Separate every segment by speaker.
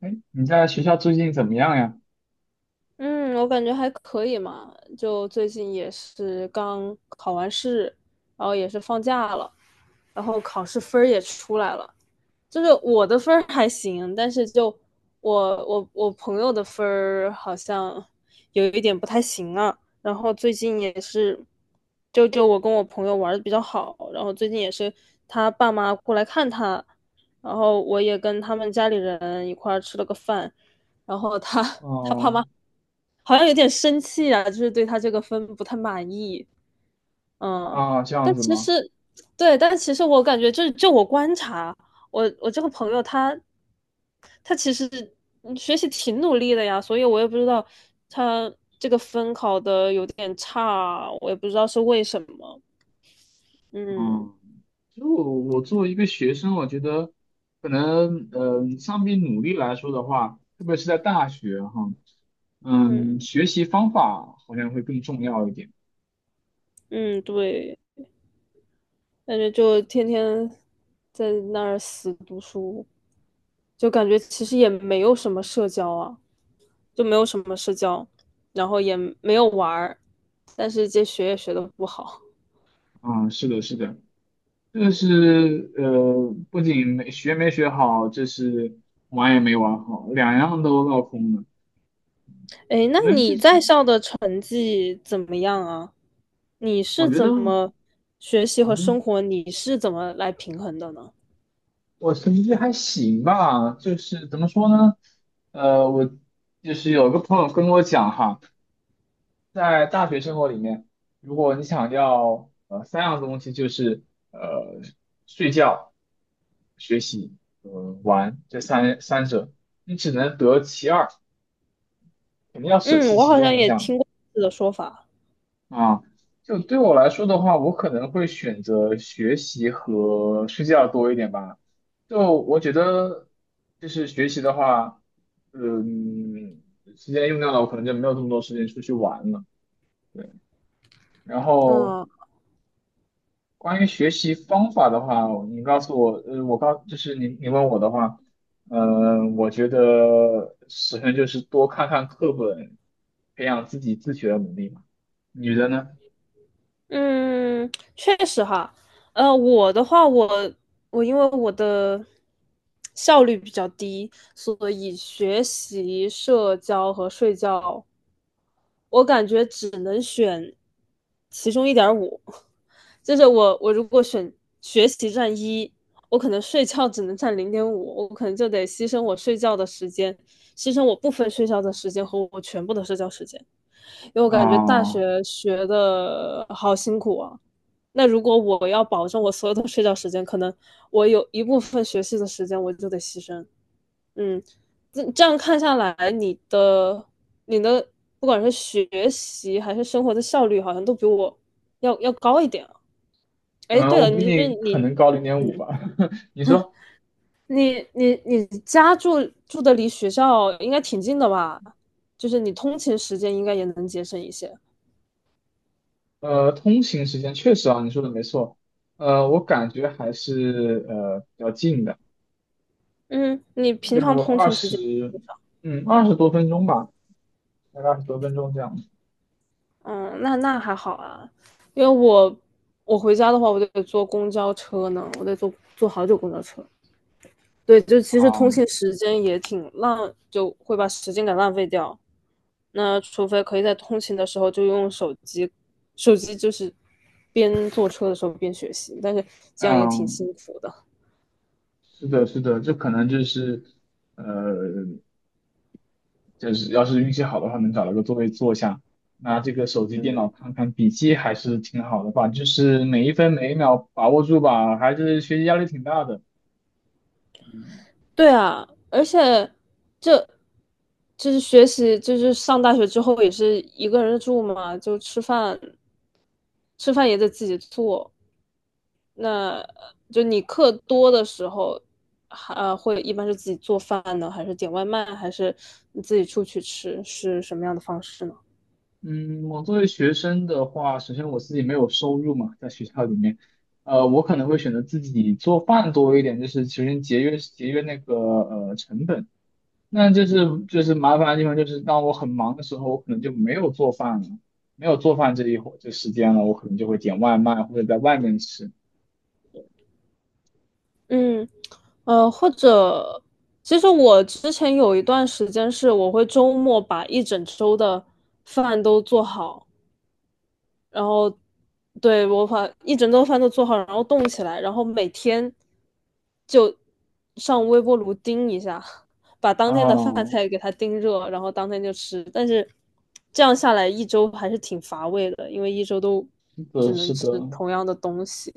Speaker 1: 哎，你在学校最近怎么样呀？
Speaker 2: 嗯，我感觉还可以嘛，就最近也是刚考完试，然后也是放假了，然后考试分儿也出来了，就是我的分儿还行，但是就我朋友的分儿好像有一点不太行啊，然后最近也是，就我跟我朋友玩的比较好，然后最近也是他爸妈过来看他，然后我也跟他们家里人一块儿吃了个饭。然后他 他爸
Speaker 1: 哦。
Speaker 2: 妈好像有点生气啊，就是对他这个分不太满意。嗯，
Speaker 1: 啊，这样
Speaker 2: 但
Speaker 1: 子
Speaker 2: 其
Speaker 1: 吗？
Speaker 2: 实，对，但其实我感觉就，就我观察，我这个朋友他他其实学习挺努力的呀，所以我也不知道他这个分考的有点差，我也不知道是为什么。嗯
Speaker 1: 嗯，就我作为一个学生，我觉得可能，相比努力来说的话，特别是在大学哈，
Speaker 2: 嗯
Speaker 1: 学习方法好像会更重要一点。
Speaker 2: 嗯，对，感觉就天天在那儿死读书。就感觉其实也没有什么社交啊，就没有什么社交，然后也没有玩儿，但是这学也学的不好。
Speaker 1: 嗯，是的，是的，这是不仅没学好，这是玩也没玩好，两样都落空了。
Speaker 2: 哎，那
Speaker 1: 可能这
Speaker 2: 你
Speaker 1: 是
Speaker 2: 在校的成绩怎么样啊？你
Speaker 1: 我
Speaker 2: 是
Speaker 1: 觉得，
Speaker 2: 怎
Speaker 1: 嗯
Speaker 2: 么学习和
Speaker 1: 哼。
Speaker 2: 生活，你是怎么来平衡的呢？
Speaker 1: 我成绩还行吧，就是怎么说呢？我就是有个朋友跟我讲哈，在大学生活里面，如果你想要三样东西，就是呃睡觉、学习、呃玩这三者，你只能得其二，肯定要舍
Speaker 2: 嗯，
Speaker 1: 弃
Speaker 2: 我
Speaker 1: 其
Speaker 2: 好像
Speaker 1: 中一
Speaker 2: 也
Speaker 1: 项。
Speaker 2: 听过类似的说法。
Speaker 1: 啊，就对我来说的话，我可能会选择学习和睡觉多一点吧。就我觉得，就是学习的话，嗯，时间用掉了，我可能就没有这么多时间出去玩了。然后
Speaker 2: 嗯。
Speaker 1: 关于学习方法的话，你告诉我，呃，我告，就是你问我的话，我觉得首先就是多看看课本，培养自己自学的能力嘛。你觉得呢？
Speaker 2: 嗯，确实哈，我的话，我我因为我的效率比较低，所以学习、社交和睡觉，我感觉只能选其中一点五。就是我如果选学习占一，我可能睡觉只能占零点五，我可能就得牺牲我睡觉的时间，牺牲我部分睡觉的时间和我全部的社交时间。因为我感觉大
Speaker 1: 啊、
Speaker 2: 学学的好辛苦啊。那如果我要保证我所有的睡觉时间，可能我有一部分学习的时间我就得牺牲。嗯，这样看下来，你的不管是学习还是生活的效率，好像都比我要高一点啊。哎，
Speaker 1: 嗯，
Speaker 2: 对
Speaker 1: 我
Speaker 2: 了，
Speaker 1: 比
Speaker 2: 你是
Speaker 1: 你可
Speaker 2: 你，
Speaker 1: 能高0.5
Speaker 2: 嗯，
Speaker 1: 吧。你说，
Speaker 2: 你家住的离学校应该挺近的吧？就是你通勤时间应该也能节省一些。
Speaker 1: 通行时间确实啊，你说的没错。我感觉还是比较近的，
Speaker 2: 嗯，你平常
Speaker 1: 就
Speaker 2: 通
Speaker 1: 二
Speaker 2: 勤时间
Speaker 1: 十，
Speaker 2: 多少？
Speaker 1: 嗯，二十多分钟吧，大概二十多分钟这样。
Speaker 2: 嗯，那那还好啊，因为我我回家的话，我得坐公交车呢，我得坐好久公交车。对，就其实通
Speaker 1: 嗯
Speaker 2: 勤时间也挺浪，就会把时间给浪费掉。那除非可以在通勤的时候就用手机，手机就是边坐车的时候边学习，但是这样也挺
Speaker 1: 嗯，
Speaker 2: 辛苦的。
Speaker 1: 是的，是的，这可能就是，呃，就是要是运气好的话，能找到个座位坐下，拿这个手机、电
Speaker 2: 嗯。
Speaker 1: 脑看看笔记，还是挺好的吧。就是每一分每一秒把握住吧，还是学习压力挺大的。
Speaker 2: 对啊，而且这就是学习，就是上大学之后也是一个人住嘛，就吃饭也得自己做。那就你课多的时候，还会一般是自己做饭呢，还是点外卖，还是你自己出去吃，是什么样的方式呢？
Speaker 1: 嗯，我作为学生的话，首先我自己没有收入嘛，在学校里面，我可能会选择自己做饭多一点，就是首先节约节约那个成本。那就是麻烦的地方就是，当我很忙的时候，我可能就没有做饭了，没有做饭这一会这时间了，我可能就会点外卖或者在外面吃。
Speaker 2: 嗯，呃，或者其实我之前有一段时间是我会周末把一整周的饭都做好。然后对我把一整顿饭都做好，然后冻起来，然后每天就上微波炉叮一下，把当天的饭
Speaker 1: 啊，
Speaker 2: 菜给它叮热，然后当天就吃。但是这样下来一周还是挺乏味的，因为一周都
Speaker 1: 是的，
Speaker 2: 只能
Speaker 1: 是
Speaker 2: 吃
Speaker 1: 的。
Speaker 2: 同样的东西。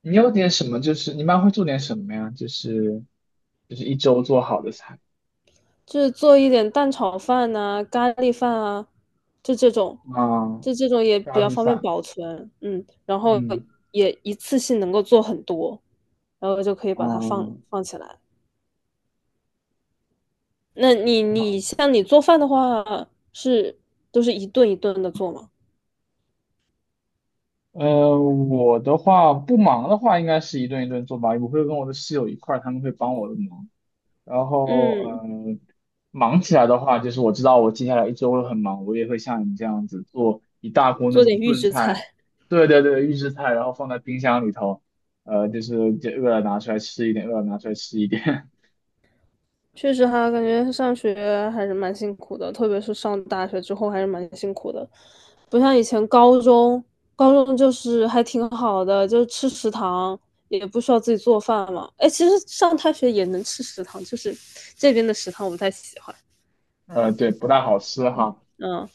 Speaker 1: 你有点什么？就是你一般会做点什么呀？就是一周做好的菜
Speaker 2: 就是做一点蛋炒饭呐、咖喱饭啊，就这种，
Speaker 1: 啊，
Speaker 2: 就这种也比
Speaker 1: 咖
Speaker 2: 较
Speaker 1: 喱
Speaker 2: 方便
Speaker 1: 饭，
Speaker 2: 保存，嗯，然后
Speaker 1: 嗯。
Speaker 2: 也一次性能够做很多，然后就可以把它放
Speaker 1: 啊，
Speaker 2: 放起来。那你
Speaker 1: 好，
Speaker 2: 你像你做饭的话，是都是一顿一顿的做吗？
Speaker 1: 我的话不忙的话，应该是一顿一顿做吧。我会跟我的室友一块儿，他们会帮我的忙。然后，
Speaker 2: 嗯，
Speaker 1: 忙起来的话，就是我知道我接下来一周会很忙，我也会像你这样子做一大锅那
Speaker 2: 做点
Speaker 1: 种
Speaker 2: 预
Speaker 1: 炖
Speaker 2: 制
Speaker 1: 菜，
Speaker 2: 菜。
Speaker 1: 对对对，预制菜，然后放在冰箱里头，就是就饿了拿出来吃一点，饿了拿出来吃一点。
Speaker 2: 确实哈，感觉上学还是蛮辛苦的，特别是上大学之后还是蛮辛苦的，不像以前高中，高中就是还挺好的，就是吃食堂也不需要自己做饭嘛。哎，其实上大学也能吃食堂，就是这边的食堂我不太喜欢。
Speaker 1: 对，不大好吃哈，
Speaker 2: 嗯，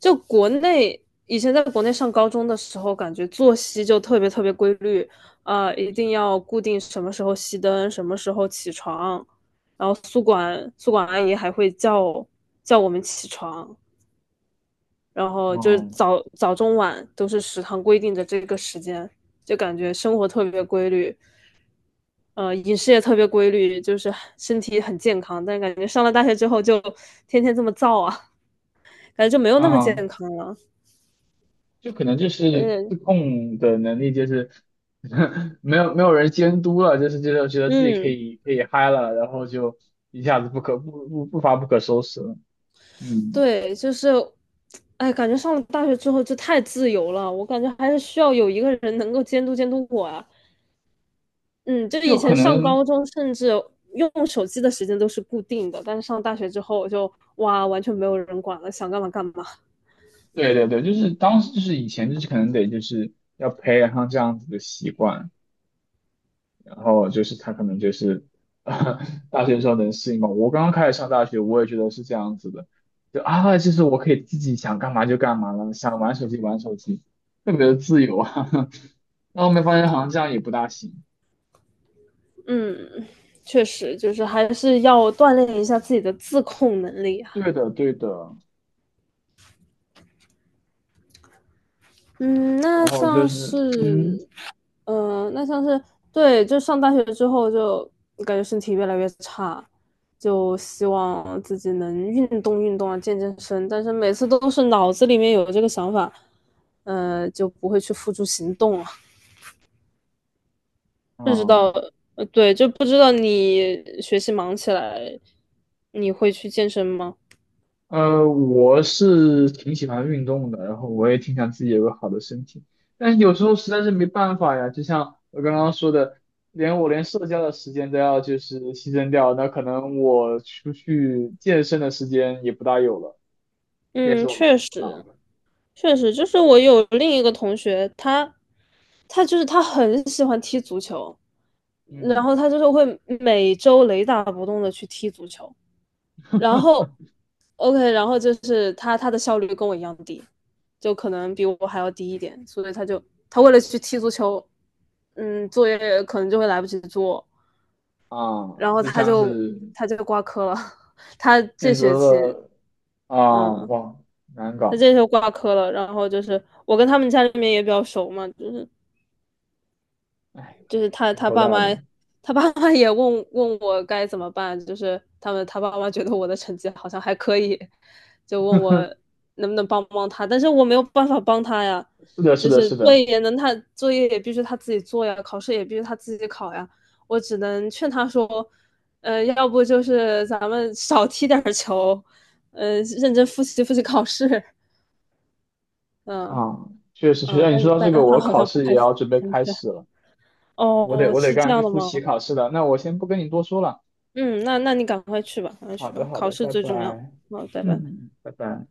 Speaker 2: 就国内以前在国内上高中的时候，感觉作息就特别特别规律，啊，一定要固定什么时候熄灯，什么时候起床，然后宿管阿姨还会叫我们起床，然后就是
Speaker 1: 嗯
Speaker 2: 早早中晚都是食堂规定的这个时间，就感觉生活特别规律，呃，饮食也特别规律，就是身体很健康，但感觉上了大学之后就天天这么造啊，感觉就没有
Speaker 1: 嗯。
Speaker 2: 那么健
Speaker 1: 啊，
Speaker 2: 康了。
Speaker 1: 就可能就是
Speaker 2: 呃，
Speaker 1: 自控的能力，就是 没有人监督了，就是觉得自己可
Speaker 2: 嗯，
Speaker 1: 以可以嗨了，然后就一下子不可不不不发不可收拾了。嗯，
Speaker 2: 对，就是，哎，感觉上了大学之后就太自由了，我感觉还是需要有一个人能够监督我啊。嗯，就是以
Speaker 1: 就可
Speaker 2: 前上
Speaker 1: 能
Speaker 2: 高中，甚至用手机的时间都是固定的，但是上大学之后我就哇，完全没有人管了，想干嘛干嘛。
Speaker 1: 对对对，就是当时就是以前就是可能得就是要培养上这样子的习惯。然后就是他可能就是，大学的时候能适应嘛。我刚刚开始上大学，我也觉得是这样子的，就啊，就是我可以自己想干嘛就干嘛了，想玩手机玩手机，特别的自由啊。然后后面发现好像这样也不大行。
Speaker 2: 嗯，确实就是还是要锻炼一下自己的自控能力啊。
Speaker 1: 对的，对的。
Speaker 2: 嗯，
Speaker 1: 然
Speaker 2: 那
Speaker 1: 后就
Speaker 2: 像是
Speaker 1: 是，嗯，
Speaker 2: 嗯、那像是对，就上大学之后就感觉身体越来越差，就希望自己能运动运动啊，健健身。但是每次都是脑子里面有这个想法，就不会去付诸行动了。不知
Speaker 1: 啊，
Speaker 2: 道，呃，对，就不知道你学习忙起来，你会去健身吗？
Speaker 1: 我是挺喜欢运动的，然后我也挺想自己有个好的身体，但是有时候实在是没办法呀。就像我刚刚说的，连我连社交的时间都要就是牺牲掉，那可能我出去健身的时间也不大有了，这也
Speaker 2: 嗯，
Speaker 1: 是我蛮
Speaker 2: 确
Speaker 1: 苦恼
Speaker 2: 实，
Speaker 1: 的。
Speaker 2: 确实，就是我有另一个同学，他，他就是他很喜欢踢足球。然
Speaker 1: 嗯，
Speaker 2: 后他就是会每周雷打不动的去踢足球，然后 OK,然后就是他的效率跟我一样低，就可能比我还要低一点，所以他就他为了去踢足球，嗯，作业可能就会来不及做，
Speaker 1: 啊，
Speaker 2: 然后
Speaker 1: 就
Speaker 2: 他
Speaker 1: 像
Speaker 2: 就
Speaker 1: 是
Speaker 2: 他就挂科了，他这
Speaker 1: 选
Speaker 2: 学
Speaker 1: 择
Speaker 2: 期
Speaker 1: 了啊，
Speaker 2: 嗯。
Speaker 1: 哇，难
Speaker 2: 他
Speaker 1: 搞，
Speaker 2: 这时候挂科了，然后就是我跟他们家里面也比较熟嘛，就是
Speaker 1: 哎，
Speaker 2: 就是他
Speaker 1: 挺
Speaker 2: 他
Speaker 1: 头
Speaker 2: 爸
Speaker 1: 大
Speaker 2: 妈，
Speaker 1: 的。
Speaker 2: 他爸妈也问我该怎么办，就是他爸妈觉得我的成绩好像还可以，就问我 能不能帮他，但是我没有办法帮他呀，
Speaker 1: 是的，是
Speaker 2: 就
Speaker 1: 的，
Speaker 2: 是
Speaker 1: 是
Speaker 2: 作
Speaker 1: 的。
Speaker 2: 业也能他作业也必须他自己做呀，考试也必须他自己考呀，我只能劝他说，呃，要不就是咱们少踢点球，呃，认真复习考试，嗯、
Speaker 1: 啊，确实确
Speaker 2: 嗯，
Speaker 1: 实，哎你说
Speaker 2: 但
Speaker 1: 到这
Speaker 2: 但
Speaker 1: 个，
Speaker 2: 是他
Speaker 1: 我
Speaker 2: 好
Speaker 1: 考
Speaker 2: 像不
Speaker 1: 试也
Speaker 2: 太
Speaker 1: 要准备
Speaker 2: 听
Speaker 1: 开
Speaker 2: 劝。
Speaker 1: 始了，我得
Speaker 2: 哦，
Speaker 1: 我得
Speaker 2: 是这
Speaker 1: 赶
Speaker 2: 样
Speaker 1: 紧去
Speaker 2: 的
Speaker 1: 复习
Speaker 2: 吗？
Speaker 1: 考试了。那我先不跟你多说了。
Speaker 2: 嗯，那那你赶快去吧，赶快
Speaker 1: 好
Speaker 2: 去吧，
Speaker 1: 的好
Speaker 2: 考
Speaker 1: 的，
Speaker 2: 试
Speaker 1: 拜
Speaker 2: 最
Speaker 1: 拜。
Speaker 2: 重要。好，拜
Speaker 1: 嗯，
Speaker 2: 拜。
Speaker 1: 嗯拜拜。